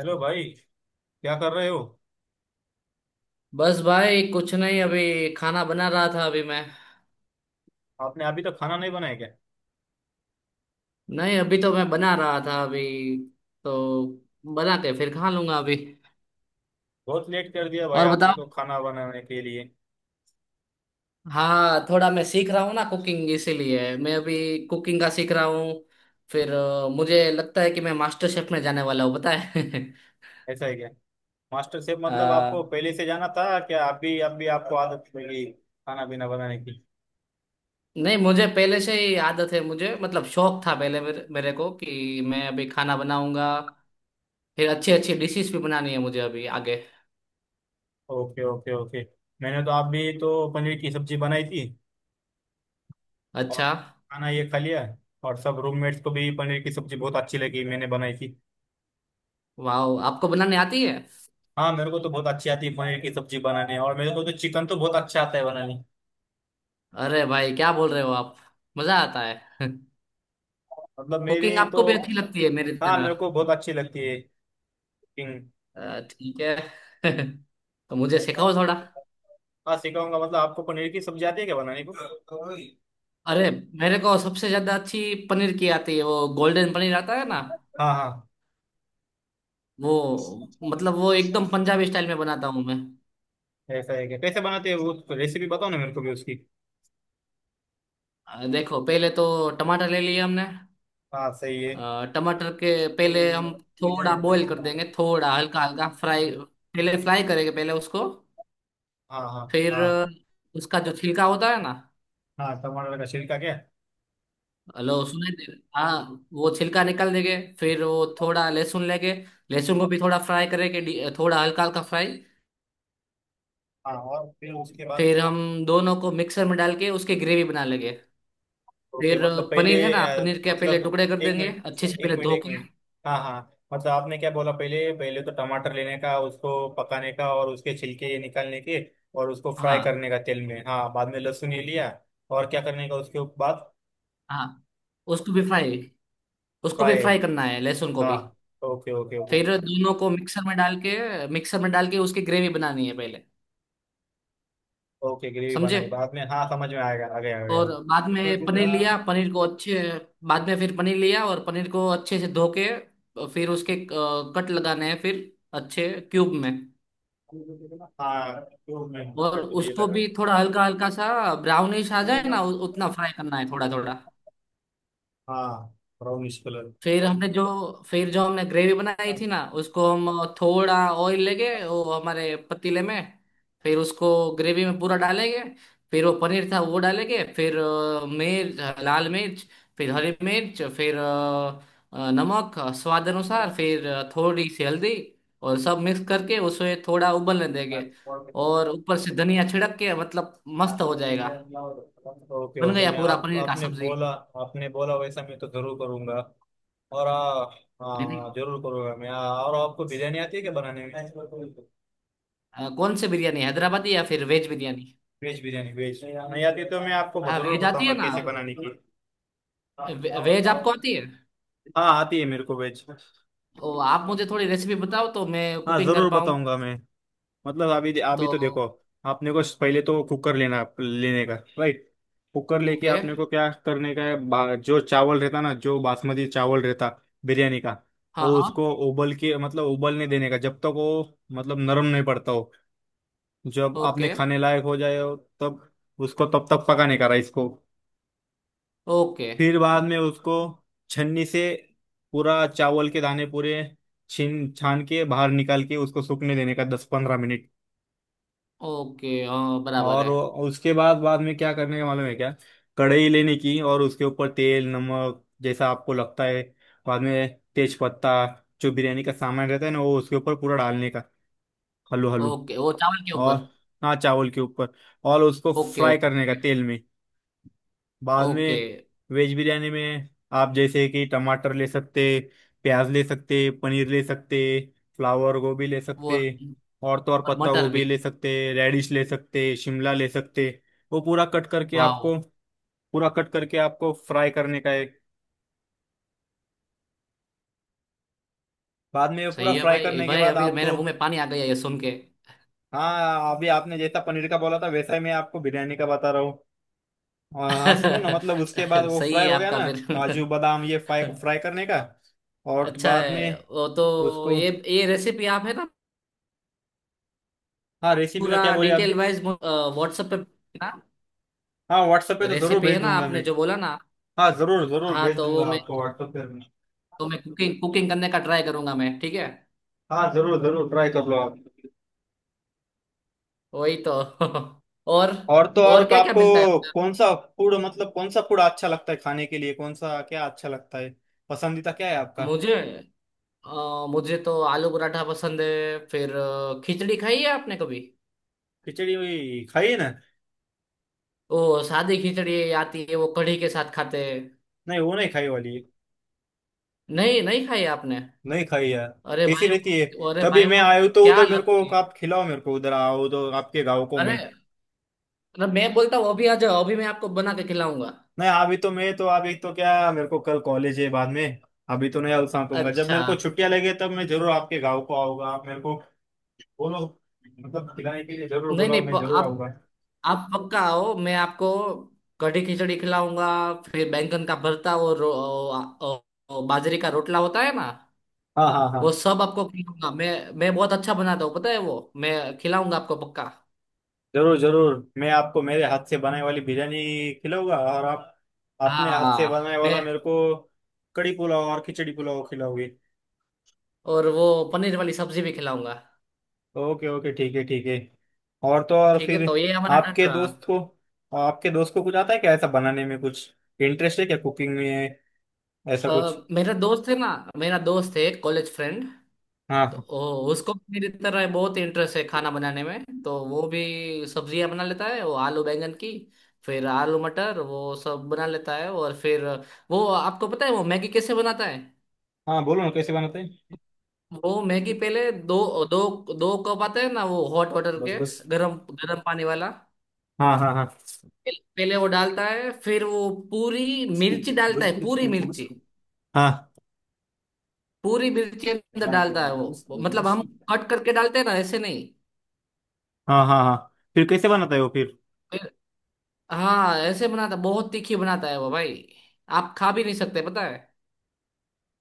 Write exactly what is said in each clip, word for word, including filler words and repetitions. Hello भाई। क्या कर रहे हो? बस भाई कुछ नहीं, अभी खाना बना रहा था अभी मैं। आपने अभी तक खाना नहीं बनाया क्या? नहीं, अभी तो मैं बना रहा था अभी। तो बना के फिर खा लूंगा अभी। बहुत लेट कर दिया भाई और आपने बताओ। तो खाना बनाने के लिए। हाँ, थोड़ा मैं सीख रहा हूँ ना कुकिंग, इसीलिए मैं अभी कुकिंग का सीख रहा हूँ। फिर अ, मुझे लगता है कि मैं मास्टर शेफ में जाने वाला हूँ, पता है। ऐसा है क्या? Master chef? अ, मतलब आपको पहले से जाना था क्या? अभी अभी आपको आदत लगी खाना पीना बनाने की? नहीं, मुझे पहले से ही आदत है, मुझे मतलब शौक था पहले मेरे, मेरे को कि मैं अभी खाना बनाऊंगा। फिर अच्छी अच्छी डिशेस भी बनानी है मुझे अभी आगे। Okay, okay, okay. मैंने तो अभी तो पनीर की सब्जी बनाई थी। और अच्छा। खाना ये खा लिया। और सब रूममेट्स को भी पनीर की सब्जी बहुत अच्छी लगी, मैंने बनाई थी। वाह, आपको बनाने आती है। हाँ, मेरे को तो बहुत अच्छी आती है पनीर की सब्जी बनाने। और मेरे को तो चिकन तो बहुत अच्छा आता है बनाने। अरे भाई, क्या बोल रहे हो आप। मजा आता है। मतलब कुकिंग मेरी तो। आपको भी अच्छी लगती है मेरी हाँ, मेरे तरह। को बहुत अच्छी लगती है। किंग। अ, ठीक है। तो मुझे सिखाओ थोड़ा। हाँ, सिखाऊंगा। मतलब आपको पनीर की सब्जी आती है क्या बनाने को? अरे, मेरे को सबसे ज्यादा अच्छी पनीर की आती है। वो गोल्डन पनीर आता है ना, हाँ, हाँ। वो मतलब वो एकदम पंजाबी स्टाइल में बनाता हूँ मैं। ऐसा है क्या? कैसे बनाते हैं वो? रेसिपी बताओ ना मेरे को भी उसकी। अ, देखो, पहले तो टमाटर ले लिए हमने। हाँ, सही है। अ, टमाटर के पहले हम थोड़ा बॉईल कर देंगे, थोड़ा हल्का हल्का फ्राई। पहले फ्राई करेंगे पहले उसको। हाँ, हाँ, फिर हाँ। अ, उसका जो छिलका होता है ना, हाँ, टमाटर का छिलका क्या? लो सुने दे- हाँ, वो छिलका निकाल देंगे। फिर वो थोड़ा लहसुन लेंगे। लहसुन को भी थोड़ा फ्राई करेंगे, डी- थोड़ा हल्का हल्का फ्राई। हाँ, और फिर उसके बाद? फिर हम दोनों को मिक्सर में डाल के उसकी ग्रेवी बना लेंगे। ओके, फिर मतलब पहले। पनीर है ना, अ, पनीर के पहले मतलब टुकड़े कर एक देंगे मिनट, अच्छे से, एक पहले मिनट, धो एक के। मिनट। हाँ, हाँ। मतलब आपने क्या बोला? पहले पहले तो टमाटर लेने का, उसको पकाने का और उसके छिलके निकालने के। और उसको फ्राई हाँ करने का तेल में, हाँ, बाद में लहसुन ये लिया। और क्या करने का उसके बाद? हाँ। उसको भी फ्राई, उसको भी फ्राई। फ्राई करना है लहसुन को हाँ। भी। Okay, okay, okay. फिर दोनों को मिक्सर में डाल के, मिक्सर में डाल के उसकी ग्रेवी बनानी है पहले। ओके, ग्रेवी समझे। बनाई बाद में, हाँ समझ में आएगा, आ गया, आ गया। और बाद में पनीर लिया, पनीर को अच्छे, बाद में फिर पनीर लिया और पनीर को अच्छे से धो के फिर उसके अ, कट लगाने हैं, फिर अच्छे क्यूब में। हाँ, तो मैं। और कट ये उसको भी लगाने। थोड़ा हल्का हल्का सा ब्राउनिश आ जाए ना, उ- उतना फ्राई करना है थोड़ा थोड़ा। हाँ। Brownish colour. फिर हमने जो फिर जो हमने ग्रेवी बनाई थी ना, उसको हम थोड़ा ऑयल लेंगे वो हमारे पतीले में। फिर उसको ग्रेवी में पूरा डालेंगे। फिर वो पनीर था वो डालेंगे। फिर अ, मिर्च, लाल मिर्च, फिर हरी मिर्च, फिर अ, अ, नमक स्वाद अनुसार, फिर अ, थोड़ी सी हल्दी। और सब मिक्स करके उसे थोड़ा उबलने देंगे। और ऊपर से धनिया छिड़क के मतलब मस्त हो जाएगा। ओके, बन ओके, गया मैं पूरा आप पनीर का आपने सब्जी। बोला। आपने बोला वैसा मैं तो जरूर करूंगा। और आ, हाँ, जरूर करूंगा मैं। आ, और आपको बिरयानी आती है क्या बनाने में? अ, कौन सी बिरयानी, हैदराबादी या फिर veg biryani? Veg biryani. Veg नहीं आती तो मैं आपको हाँ, जरूर वेज आती बताऊंगा है ना। कैसे बनाने की। वे, वेज आपको आती है। हाँ, आती है मेरे को वेज। ओ, आप मुझे थोड़ी रेसिपी बताओ तो मैं हाँ, कुकिंग कर जरूर पाऊँ। बताऊंगा मैं। मतलब अभी अभी तो तो देखो। आपने को पहले तो कुकर लेना लेने का, राइट? कुकर लेके ओके। आपने को क्या करने का है, बा- जो चावल रहता ना, जो बासमती चावल रहता। बिरयानी का। हाँ वो हाँ। उसको उबल के मतलब उबलने देने का जब तक वो मतलब नरम नहीं पड़ता हो। जब आपने ओके खाने लायक हो जाए हो। तब। उसको तब तक पकाने का राइस को। ओके फिर बाद में उसको। छन्नी से। पूरा चावल के दाने पूरे। छीन छान के बाहर निकाल के उसको सूखने देने का दस पंद्रह मिनट। ओके। हाँ, बराबर और है। वो- उसके बाद बाद में क्या करने का मालूम है क्या? कढ़ाई लेने की और उसके ऊपर तेल नमक जैसा आपको लगता है। बाद में तेज पत्ता। जो बिरयानी का सामान रहता है ना, वो उसके ऊपर पूरा डालने का। Hello hello. ओके, वो चावल के और। ऊपर। हाँ, चावल के ऊपर। और उसको ओके फ्राई करने का ओके तेल में। बाद ओके। में। वेज बिरयानी में। आप जैसे कि टमाटर ले सकते। प्याज ले सकते, पनीर ले सकते। फ्लावर गोभी ले वो, सकते। और तो और और पत्ता मटर भी। गोभी ले सकते, रेडिश ले सकते, शिमला ले सकते। वो पूरा कट करके वाह। आपको। पूरा कट करके आपको फ्राई करने का है। बाद में वो पूरा सही है फ्राई भाई, ए करने के भाई बाद अभी आप मेरे तो। मुंह में पानी आ गया ये सुन के। हाँ, अभी आपने जैसा पनीर का बोला था वैसा ही मैं आपको बिरयानी का बता रहा हूँ। हाँ, हाँ, सुनो ना, मतलब उसके बाद वो सही फ्राई है हो गया आपका। ना, फिर काजू बादाम ये फ्राई फ्राई करने का। और अच्छा बाद है में। वो तो। उसको। ये ये रेसिपी आप है ना हाँ, रेसिपी का पूरा क्या बोले आप भी? डिटेल वाइज व्हाट्सएप पे। हाँ, व्हाट्सएप पे तो जरूर रेसिपी भेज है ना, दूंगा आपने मैं। जो बोला ना। हाँ, जरूर जरूर हाँ, भेज तो वो दूंगा मैं, आपको व्हाट्सएप पे मैं। तो मैं कुकिंग, कुकिंग करने का ट्राई करूंगा मैं, ठीक है। हाँ, जरूर जरूर ट्राई कर लो आप। वही तो। और और तो और और क्या क्या मिलता है आपको उधर? कौन सा फूड, मतलब कौन सा फूड अच्छा लगता है खाने के लिए, कौन सा क्या अच्छा लगता है? पसंदीदा क्या है आपका? मुझे, अ, मुझे तो आलू पराठा पसंद है। फिर अ, खिचड़ी खाई है आपने कभी? खिचड़ी वही खाई है ना? ओ, सादी खिचड़ी आती है, वो कढ़ी के साथ खाते हैं। नहीं, वो नहीं खाई वाली। नहीं नहीं, खाई है आपने? नहीं खाई है। अरे कैसी भाई। रहती है? अरे कभी भाई मैं वो आयो तो क्या उधर मेरे को लगती है। आप खिलाओ, मेरे को उधर आओ तो आपके गाँव को अरे मैं। अरे, मैं बोलता हूँ अभी आ जाओ, अभी मैं आपको बना के खिलाऊंगा। नहीं अभी तो मैं तो अभी तो क्या, मेरे को कल कॉलेज है बाद में। अभी तो नहीं, अलसा कहूंगा जब अच्छा। मेरे को छुट्टियां लगे तब मैं जरूर आपके गाँव को आऊंगा, आप मेरे को। बोलो। मतलब खिलाने के लिए जरूर नहीं बुलाओ, नहीं मैं प- जरूर आप आऊंगा। आप पक्का आओ, मैं आपको कढ़ी खिचड़ी खिलाऊंगा। फिर बैंगन का भरता और रो- ओ- ओ- बाजरे का रोटला होता है ना, हाँ, हाँ, वो हाँ। सब आपको खिलाऊंगा मैं। मैं बहुत अच्छा बनाता हूँ, पता है वो। मैं खिलाऊंगा आपको पक्का। जरूर जरूर मैं आपको मेरे हाथ से बनाई वाली बिरयानी खिलाऊंगा, और आप। अपने हाथ से हाँ बनाने वाला मैं। मेरे को। कड़ी पुलाव और खिचड़ी पुलाव खिलाओगे। और वो पनीर वाली सब्जी भी खिलाऊंगा। ओके, ओके, ठीक है, ठीक है। और तो और ठीक फिर। है, तो ये हमारा डन आपके रहा। दोस्त को। आपके दोस्त को कुछ आता है क्या ऐसा बनाने में कुछ? इंटरेस्ट है क्या कुकिंग में? ऐसा कुछ। अ, मेरा दोस्त है ना, मेरा दोस्त है कॉलेज फ्रेंड। तो हाँ, ओ, उसको भी मेरी तरह बहुत इंटरेस्ट है खाना बनाने में, तो वो भी सब्जियां बना लेता है। वो आलू बैंगन की, फिर आलू मटर, वो सब बना लेता है। और फिर, वो आपको पता है वो मैगी कैसे बनाता है? हाँ, बोलो ना कैसे बनाते हैं? वो मैगी पहले, दो दो दो कप आते हैं ना वो हॉट वाटर के, गरम गरम पानी वाला, हाँ, हाँ, हाँ। पहले वो डालता है। फिर वो पूरी मिर्ची डालता है, पूरी मिर्ची, हाँ, पूरी मिर्ची अंदर डालता है वो। मतलब हम कट करके डालते हैं ना, ऐसे नहीं। हाँ, हाँ, हाँ। फिर कैसे बनाता है वो फिर? हाँ ऐसे बनाता, बहुत तीखी बनाता है वो भाई। आप खा भी नहीं सकते, पता है।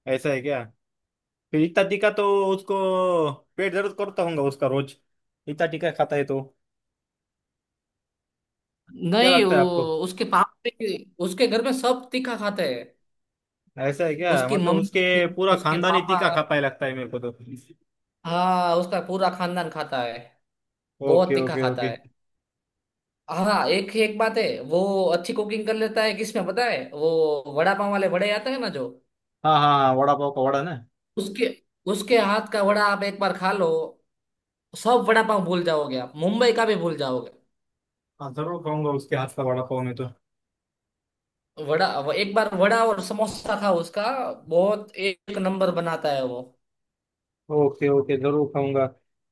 ऐसा है क्या? फिर इतना तीखा तो। उसको। पेट दर्द करता होगा उसका रोज। इतना तीखा खाता है तो। क्या नहीं, लगता है आपको? वो उसके पापा भी- उसके घर में सब तीखा खाते हैं। ऐसा है क्या, उसकी मतलब उसके। मम्मी, पूरा उसके खानदान ही पापा, तीखा खा पाए, लगता है मेरे को तो। हाँ उसका पूरा खानदान खाता है, बहुत ओके, तीखा ओके, खाता ओके। है। हाँ, एक ही एक बात है वो, अच्छी कुकिंग कर लेता है। किसमें पता है? वो वड़ा पाव वाले वड़े आते हैं ना जो, हाँ, हाँ, हाँ, वड़ा पाव का वड़ा ना? उसके उसके हाथ का वड़ा आप एक बार खा लो, सब वड़ा पाव भूल जाओगे, आप मुंबई का भी भूल जाओगे। हाँ, जरूर खाऊंगा उसके हाथ का वड़ा पाव में तो। वड़ा वो एक बार वड़ा और समोसा था उसका, बहुत एक नंबर बनाता है वो। ओके, ओके, जरूर खाऊंगा।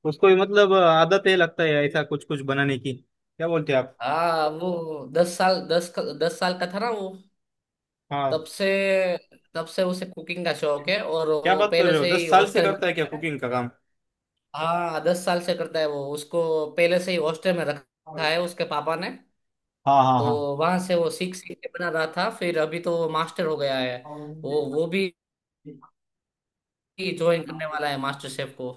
उसको भी मतलब आदत है लगता है ऐसा कुछ कुछ बनाने की, क्या बोलते हैं आप? हाँ, वो दस साल, दस दस साल का था ना वो, हाँ। तब से, तब से उसे कुकिंग का शौक है। और क्या वो बात कर पहले रहे हो, से ही दस साल से हॉस्टल में करता है क्या रखा है। कुकिंग का काम? हाँ दस साल से करता है वो, उसको पहले से ही हॉस्टल में रखा है उसके पापा ने। हाँ, हाँ, हाँ। तो वहां से वो सीख सीख के बना रहा था। फिर अभी तो वो मास्टर हो गया है। वो वो भी ज्वाइन करने वाला है मास्टर शेफ को।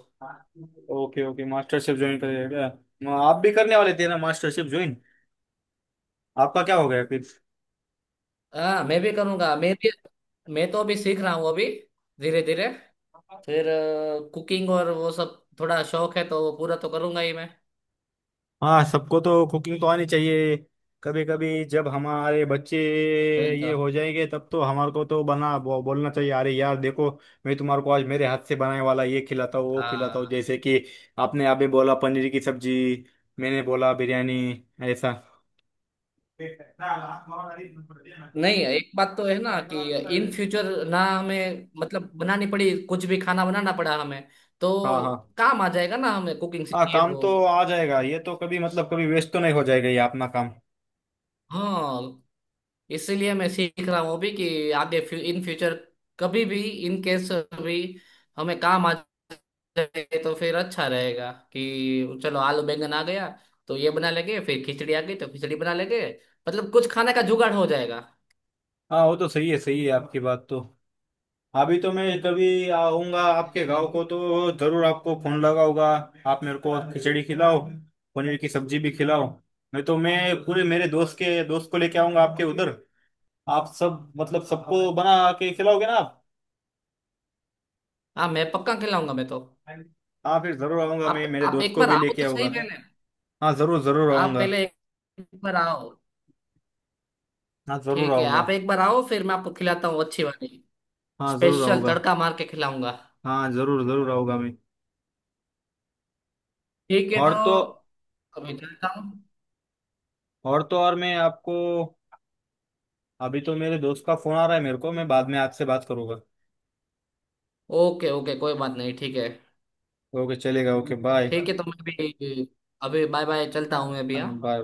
Okay, okay, MasterChef join करेगा क्या? आप भी करने वाले थे ना मास्टर शेफ ज्वाइन? आपका क्या हो गया? हाँ मैं भी करूँगा, मैं भी, मैं तो अभी सीख रहा हूँ अभी, धीरे धीरे। फिर। फिर कुकिंग और वो सब थोड़ा शौक है, तो वो पूरा तो करूँगा ही मैं। हाँ, सबको तो कुकिंग तो आनी चाहिए। कभी कभी जब हमारे बच्चे। वही ये तो, हो जाएंगे तब तो हमारे को तो बना बो, बोलना चाहिए, अरे यार देखो। मैं तुम्हारे को आज मेरे हाथ से बनाने वाला ये खिलाता हूँ, वो खिलाता हूँ, हाँ। जैसे कि। आपने अभी बोला पनीर की सब्जी। मैंने बोला बिरयानी। ऐसा। हाँ। नहीं, एक बात तो है ना कि इन फ्यूचर ना हमें मतलब बनानी पड़ी, कुछ भी खाना बनाना पड़ा हमें, तो हाँ, काम आ जाएगा ना हमें, कुकिंग हाँ, सीखी है काम वो। तो आ जाएगा ये तो, कभी मतलब कभी वेस्ट तो नहीं हो जाएगा ये अपना काम। हाँ, इसीलिए मैं सीख रहा हूँ अभी कि आगे फ्यू, इन फ्यूचर कभी भी, इन केस भी, हमें काम आ जाए तो फिर अच्छा रहेगा कि चलो, आलू बैंगन आ गया तो ये बना लेंगे, फिर खिचड़ी आ गई तो खिचड़ी बना लेंगे, मतलब कुछ खाने का जुगाड़ हो जाएगा। हाँ, वो तो सही है, सही है आपकी बात तो। अभी तो मैं कभी आऊंगा आपके गांव इसीलिए। को तो जरूर आपको फोन लगाऊंगा। आप मेरे को खिचड़ी खिलाओ। पनीर की सब्जी भी खिलाओ। नहीं तो मैं पूरे मेरे दोस्त के दोस्त को लेके आऊंगा आपके उधर। आप सब मतलब सबको बना के खिलाओगे ना आप? हाँ, मैं पक्का खिलाऊंगा, मैं तो। हाँ, फिर जरूर आऊंगा आप मैं, मेरे आप दोस्त एक को बार भी आओ लेके तो सही आऊंगा। पहले। हाँ, जरूर जरूर आप आऊंगा। पहले एक बार आओ। हाँ, जरूर ठीक है, आऊंगा। आप एक बार आओ, फिर मैं आपको खिलाता हूँ अच्छी वाली, हाँ, जरूर स्पेशल आऊंगा। तड़का मार के खिलाऊंगा। हाँ, जरूर जरूर आऊंगा मैं। ठीक है, तो और तो। अभी चलता हूँ। और तो और मैं आपको। अभी तो मेरे दोस्त का फोन आ रहा है मेरे को, मैं बाद में आपसे बात करूंगा। ओके ओके, कोई बात नहीं, ठीक है। ओके, चलेगा, ओके, बाय। ठीक है, तो मैं भी, अभी बाय बाय, चलता हूँ मैं भी, हाँ।